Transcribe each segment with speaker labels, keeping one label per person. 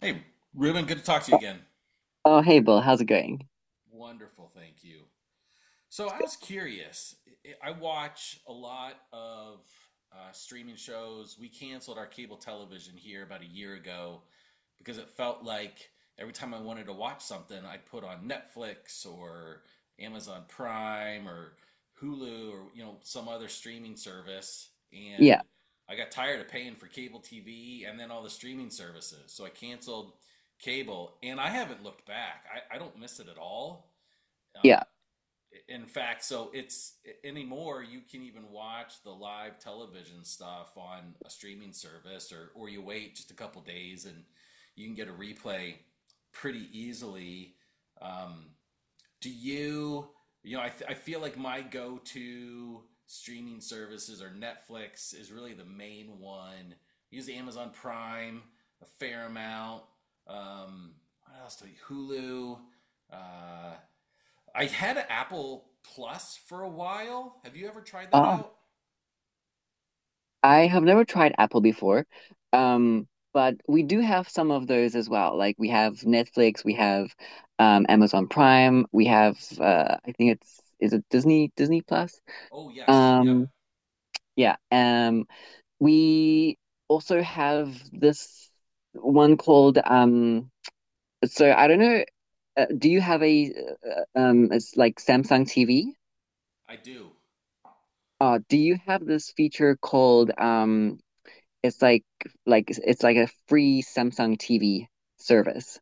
Speaker 1: Hey, Ruben, good to talk to you again.
Speaker 2: Oh, hey Bill, how's it going?
Speaker 1: Wonderful, thank you. So I was curious. Watch a lot of streaming shows. We canceled our cable television here about a year ago because it felt like every time I wanted to watch something, I'd put on Netflix or Amazon Prime or Hulu or some other streaming service, and
Speaker 2: Yeah,
Speaker 1: I got tired of paying for cable TV and then all the streaming services. So I canceled cable, and I haven't looked back. I don't miss it at all. Uh,
Speaker 2: yeah.
Speaker 1: in fact, so it's anymore you can even watch the live television stuff on a streaming service or you wait just a couple days and you can get a replay pretty easily. Um, do you you know I, th- I feel like my go-to streaming services are Netflix is really the main one. I use Amazon Prime a fair amount. Um, what else do you Hulu? Uh, I had Apple Plus for a while. Have you ever tried that
Speaker 2: Oh,
Speaker 1: out?
Speaker 2: I have never tried Apple before. Um, but we do have some of those as well. Like we have Netflix, we have Amazon Prime, we have I think it's, is it Disney Plus?
Speaker 1: Oh, yes. Yep,
Speaker 2: Um, yeah. We also have this one called so I don't know, do you have a it's like Samsung TV?
Speaker 1: I do.
Speaker 2: Do you have this feature called it's like it's like a free Samsung TV service.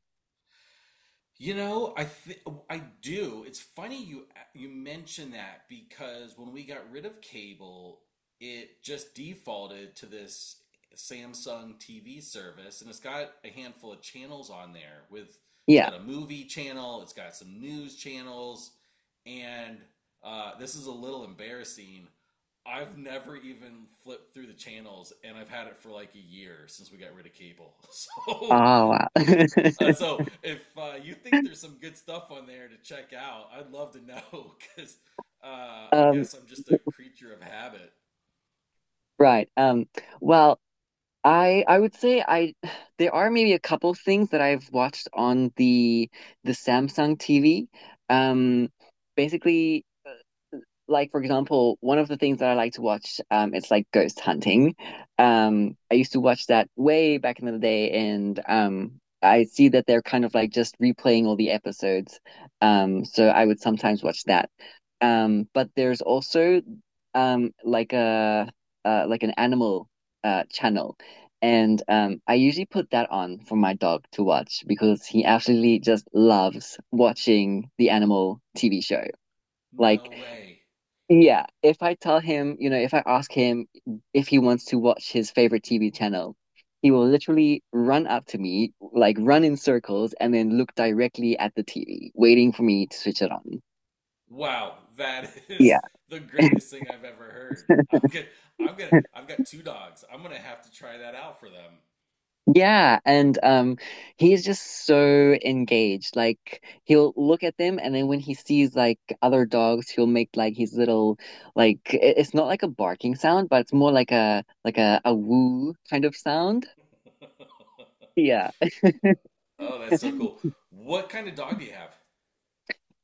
Speaker 1: You know, I think I do. It's funny you mention that because when we got rid of cable, it just defaulted to this Samsung TV service, and it's got a handful of channels on there with it's
Speaker 2: Yeah.
Speaker 1: got a movie channel, it's got some news channels, and this is a little embarrassing. I've never even flipped through the channels, and I've had it for like a year since we got rid of cable.
Speaker 2: Oh wow.
Speaker 1: So if uh, so, if uh, you think there's some good stuff on there to check out, I'd love to know because I
Speaker 2: Um,
Speaker 1: guess I'm just a creature of habit.
Speaker 2: right. Well, I would say I there are maybe a couple things that I've watched on the Samsung TV. Um, Basically, like for example, one of the things that I like to watch, it's like ghost hunting. I used to watch that way back in the day, and I see that they're kind of like just replaying all the episodes. So I would sometimes watch that. But there's also like a like an animal channel. And I usually put that on for my dog to watch because he absolutely just loves watching the animal TV show.
Speaker 1: No
Speaker 2: Like
Speaker 1: way!
Speaker 2: yeah, if I tell him, you know, if I ask him if he wants to watch his favorite TV channel, he will literally run up to me, like run in circles, and then look directly at the TV, waiting for me to switch it on.
Speaker 1: Wow, that is
Speaker 2: Yeah.
Speaker 1: the greatest thing I've ever heard. I've got two dogs. I'm gonna have to try that out for them.
Speaker 2: Yeah, and he's just so engaged. Like he'll look at them and then when he sees like other dogs, he'll make like his little like it's not like a barking sound, but it's more like a like a woo kind of sound. Yeah.
Speaker 1: Oh, that's so cool. What kind of dog do you have?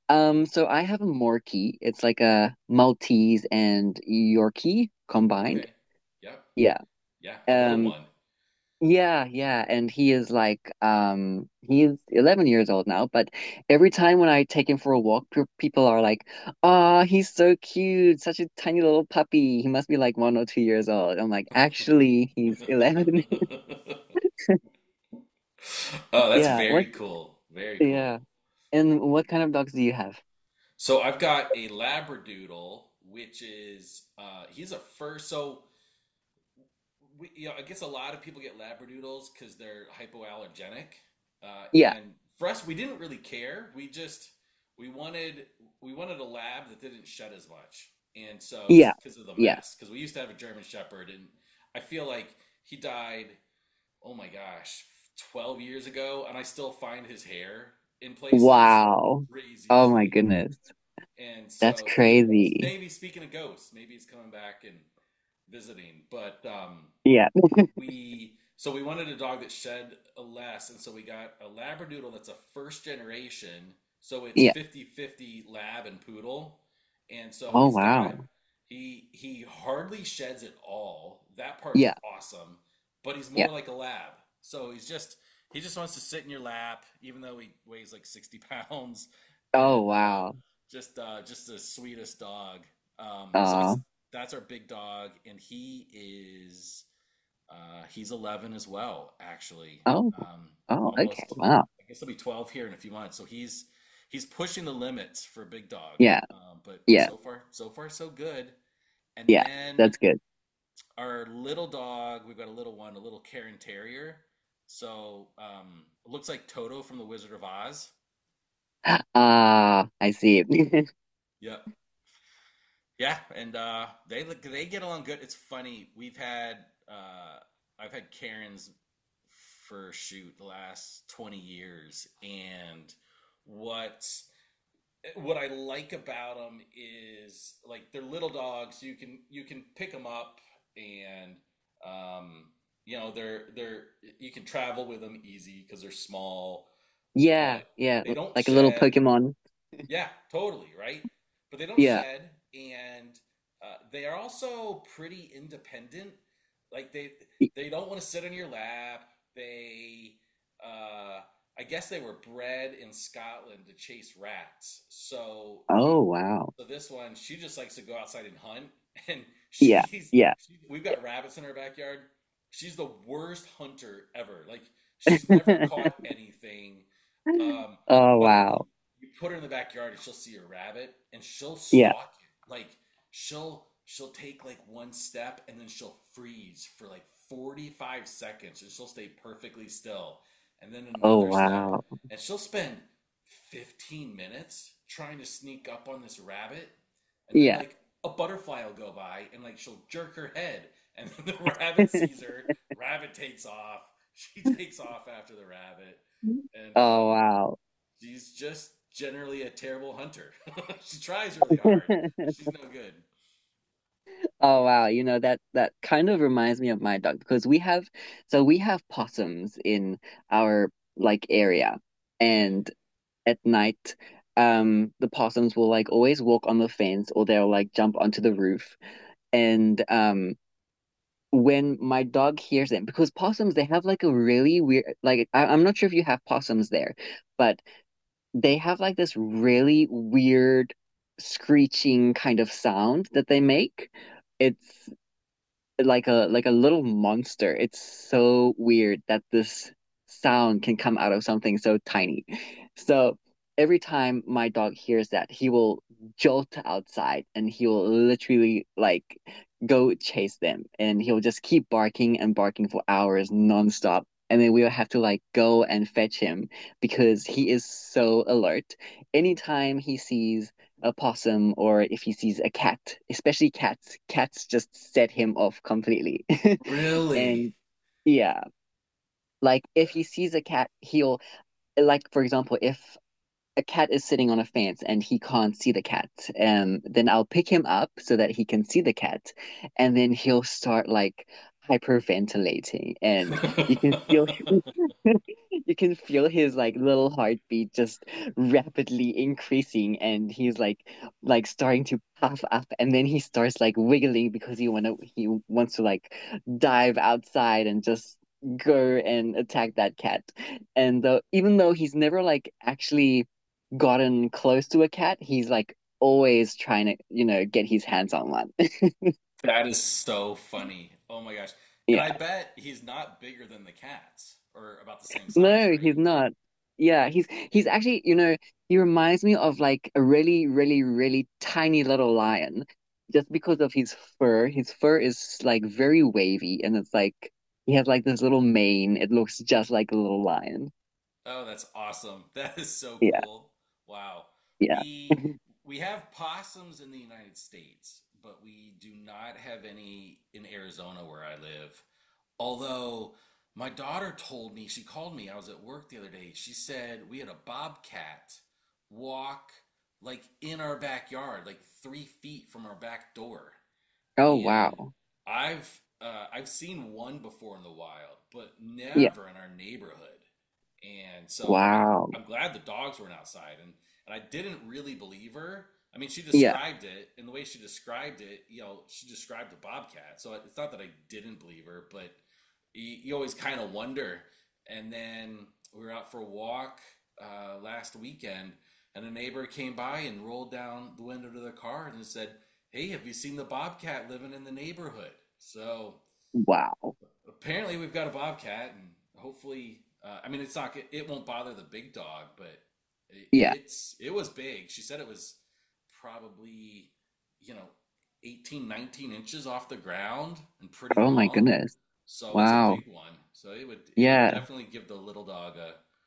Speaker 2: So I have a Morkie. It's like a Maltese and Yorkie combined.
Speaker 1: Okay. Yep.
Speaker 2: Yeah.
Speaker 1: Yeah, a little
Speaker 2: Um,
Speaker 1: one.
Speaker 2: yeah, yeah. And he is like, he's 11 years old now, but every time when I take him for a walk, pe people are like, "Ah, he's so cute, such a tiny little puppy. He must be like one or two years old." I'm like, "Actually, he's 11."
Speaker 1: Oh, that's
Speaker 2: Yeah,
Speaker 1: very
Speaker 2: what?
Speaker 1: cool. Very
Speaker 2: Yeah.
Speaker 1: cool.
Speaker 2: And what kind of dogs do you have?
Speaker 1: So I've got a Labradoodle, which is he's a fur. So I guess a lot of people get Labradoodles because they're hypoallergenic.
Speaker 2: Yeah.
Speaker 1: And for us, we didn't really care. We wanted we wanted a lab that didn't shed as much, and so
Speaker 2: Yeah.
Speaker 1: just because of the
Speaker 2: Yeah.
Speaker 1: mess, because we used to have a German Shepherd, and I feel like he died. Oh my gosh, 12 years ago, and I still find his hair in places.
Speaker 2: Wow.
Speaker 1: Craziest
Speaker 2: Oh my
Speaker 1: thing.
Speaker 2: goodness.
Speaker 1: And
Speaker 2: That's
Speaker 1: so
Speaker 2: crazy.
Speaker 1: maybe speaking of ghosts, maybe he's coming back and visiting. But
Speaker 2: Yeah.
Speaker 1: we wanted a dog that shed less, and so we got a Labradoodle that's a first generation. So it's
Speaker 2: Yeah.
Speaker 1: 50-50 lab and poodle. And so
Speaker 2: Oh
Speaker 1: he's got
Speaker 2: wow.
Speaker 1: he hardly sheds at all. That part's
Speaker 2: Yeah.
Speaker 1: awesome, but he's
Speaker 2: Yeah.
Speaker 1: more like a lab. So he just wants to sit in your lap, even though he weighs like 60 pounds,
Speaker 2: Oh
Speaker 1: and uh,
Speaker 2: wow.
Speaker 1: just uh, just the sweetest dog. So that's
Speaker 2: Uh
Speaker 1: that's our big dog, and is he's 11 as well, actually.
Speaker 2: oh.
Speaker 1: Um,
Speaker 2: Oh, okay.
Speaker 1: Almost,
Speaker 2: Wow.
Speaker 1: I guess he'll be 12 here in a few months. So he's pushing the limits for a big dog.
Speaker 2: Yeah.
Speaker 1: But
Speaker 2: Yeah.
Speaker 1: so far, so far, so good. And
Speaker 2: Yeah.
Speaker 1: then
Speaker 2: That's good.
Speaker 1: our little dog, we've got a little one, a little Cairn Terrier. So it looks like Toto from The Wizard of Oz.
Speaker 2: Ah, I see.
Speaker 1: Yep, yeah, and they get along good. It's funny. We've had uh, I've had Karens for shoot the last 20 years, and what what I like about them is like they're little dogs. You can pick them up and um, they're you can travel with them easy because they're small,
Speaker 2: Yeah.
Speaker 1: but
Speaker 2: Yeah.
Speaker 1: they don't
Speaker 2: Like a little
Speaker 1: shed.
Speaker 2: Pokemon.
Speaker 1: Yeah, totally, right? But they don't
Speaker 2: Yeah.
Speaker 1: shed, and they are also pretty independent. Like they
Speaker 2: Y-
Speaker 1: they don't want to sit on your lap. They uh, I guess they were bred in Scotland to chase rats. So
Speaker 2: Oh
Speaker 1: he
Speaker 2: wow.
Speaker 1: so this one, she just likes to go outside and hunt, and
Speaker 2: Yeah. Yeah.
Speaker 1: we've got rabbits in our backyard. She's the worst hunter ever. Like she's never caught anything. Um,
Speaker 2: Oh
Speaker 1: but
Speaker 2: wow.
Speaker 1: you put her in the backyard and she'll see a rabbit and she'll
Speaker 2: Yeah.
Speaker 1: stalk you. Like she'll take like one step and then she'll freeze for like 45 seconds and she'll stay perfectly still and then
Speaker 2: Oh
Speaker 1: another step
Speaker 2: wow.
Speaker 1: and she'll spend 15 minutes trying to sneak up on this rabbit and then
Speaker 2: Yeah.
Speaker 1: like a butterfly will go by and like she'll jerk her head and then the rabbit sees her, the rabbit takes off, she takes off after the rabbit, and
Speaker 2: Oh wow.
Speaker 1: she's just generally a terrible hunter. She tries really hard, but she's no good.
Speaker 2: Oh wow, you know that that kind of reminds me of my dog because we have, so we have possums in our like area,
Speaker 1: Okay.
Speaker 2: and at night the possums will like always walk on the fence or they'll like jump onto the roof, and when my dog hears them, because possums, they have like a really weird like I'm not sure if you have possums there, but they have like this really weird screeching kind of sound that they make. It's like a little monster. It's so weird that this sound can come out of something so tiny. So every time my dog hears that, he will jolt outside and he will literally like go chase them and he'll just keep barking and barking for hours nonstop. And then we'll have to like go and fetch him because he is so alert. Anytime he sees a possum or if he sees a cat, especially cats. Cats just set him off completely. And
Speaker 1: Really?
Speaker 2: yeah, like if he sees a cat, he'll like for example, if a cat is sitting on a fence and he can't see the cat, then I'll pick him up so that he can see the cat, and then he'll start like hyperventilating, and you can feel
Speaker 1: That
Speaker 2: you can feel his like little heartbeat just rapidly increasing and he's like starting to puff up and then he starts like wiggling because he wants to like dive outside and just go and attack that cat. And though even though he's never like actually gotten close to a cat, he's like always trying to, you know, get his hands on one.
Speaker 1: is so funny. Oh my gosh. And I
Speaker 2: Yeah.
Speaker 1: bet he's not bigger than the cats or about the same size,
Speaker 2: No,
Speaker 1: right?
Speaker 2: he's not. Yeah, he's actually, you know, he reminds me of like a really, really, really tiny little lion just because of his fur. His fur is like very wavy and it's like he has like this little mane. It looks just like a little lion.
Speaker 1: Oh, that's awesome. That is so
Speaker 2: Yeah,
Speaker 1: cool. Wow.
Speaker 2: yeah.
Speaker 1: We we have possums in the United States, but we do not have any in Arizona where I live. Although my daughter told me, she called me, I was at work the other day. She said we had a bobcat walk like in our backyard, like 3 feet from our back door,
Speaker 2: Oh
Speaker 1: and
Speaker 2: wow.
Speaker 1: I've seen one before in the wild, but
Speaker 2: Yeah.
Speaker 1: never in our neighborhood. And so I,
Speaker 2: Wow.
Speaker 1: I'm glad the dogs weren't outside. And I didn't really believe her. I mean, she
Speaker 2: Yeah.
Speaker 1: described it, and the way she described it, she described a bobcat. So it's not that I didn't believe her, but you always kind of wonder. And then we were out for a walk last weekend, and a neighbor came by and rolled down the window to their car and said, "Hey, have you seen the bobcat living in the neighborhood?" So
Speaker 2: Wow.
Speaker 1: apparently we've got a bobcat, and hopefully, I mean, it's not it, won't bother the big dog, but it,
Speaker 2: Yeah.
Speaker 1: it's it was big. She said it was probably you know 18, 19 inches off the ground and pretty
Speaker 2: Oh my
Speaker 1: long.
Speaker 2: goodness.
Speaker 1: So it's a
Speaker 2: Wow.
Speaker 1: big one. So it would
Speaker 2: Yeah.
Speaker 1: definitely give the little dog a,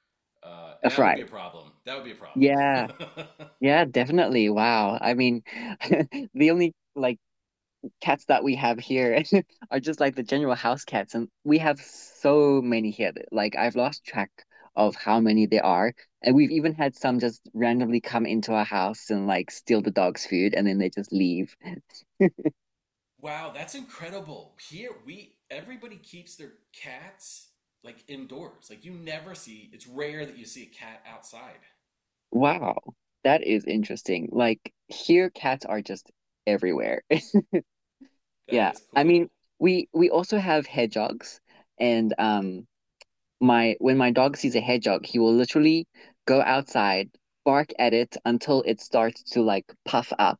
Speaker 2: A
Speaker 1: that would be
Speaker 2: fright.
Speaker 1: a problem. That would be a
Speaker 2: Yeah.
Speaker 1: problem.
Speaker 2: Yeah, definitely. Wow. I mean, the only like cats that we have here are just like the general house cats, and we have so many here. That, like I've lost track of how many there are, and we've even had some just randomly come into our house and like steal the dog's food, and then they just leave.
Speaker 1: Wow, that's incredible. Here we everybody keeps their cats like indoors. Like you never see, it's rare that you see a cat outside.
Speaker 2: Wow, that is interesting. Like here, cats are just everywhere.
Speaker 1: That
Speaker 2: Yeah,
Speaker 1: is
Speaker 2: I
Speaker 1: cool.
Speaker 2: mean, we also have hedgehogs, and my when my dog sees a hedgehog, he will literally go outside, bark at it until it starts to like puff up,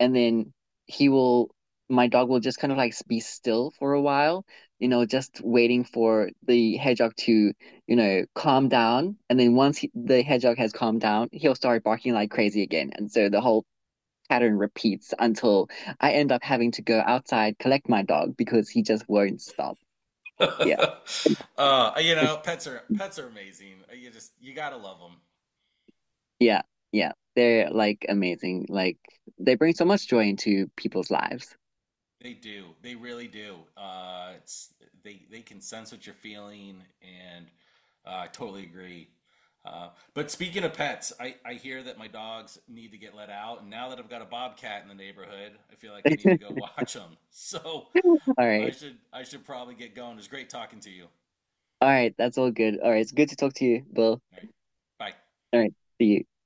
Speaker 2: and then he will my dog will just kind of like be still for a while, you know, just waiting for the hedgehog to, you know, calm down. And then once the hedgehog has calmed down, he'll start barking like crazy again. And so the whole pattern repeats until I end up having to go outside, collect my dog because he just won't stop. Yeah.
Speaker 1: Pets are amazing. You gotta love them.
Speaker 2: Yeah, yeah. They're like amazing. Like they bring so much joy into people's lives.
Speaker 1: They do. They really do. It's they can sense what you're feeling, and I totally agree. Uh, but speaking of pets, I hear that my dogs need to get let out, and now that I've got a bobcat in the neighborhood, I feel like I need to go
Speaker 2: All
Speaker 1: watch them. So I
Speaker 2: right.
Speaker 1: should I should probably get going. It was great talking to you. All
Speaker 2: All right. That's all good. All right. It's good to talk to you, Bill.
Speaker 1: right, bye.
Speaker 2: All right. See you.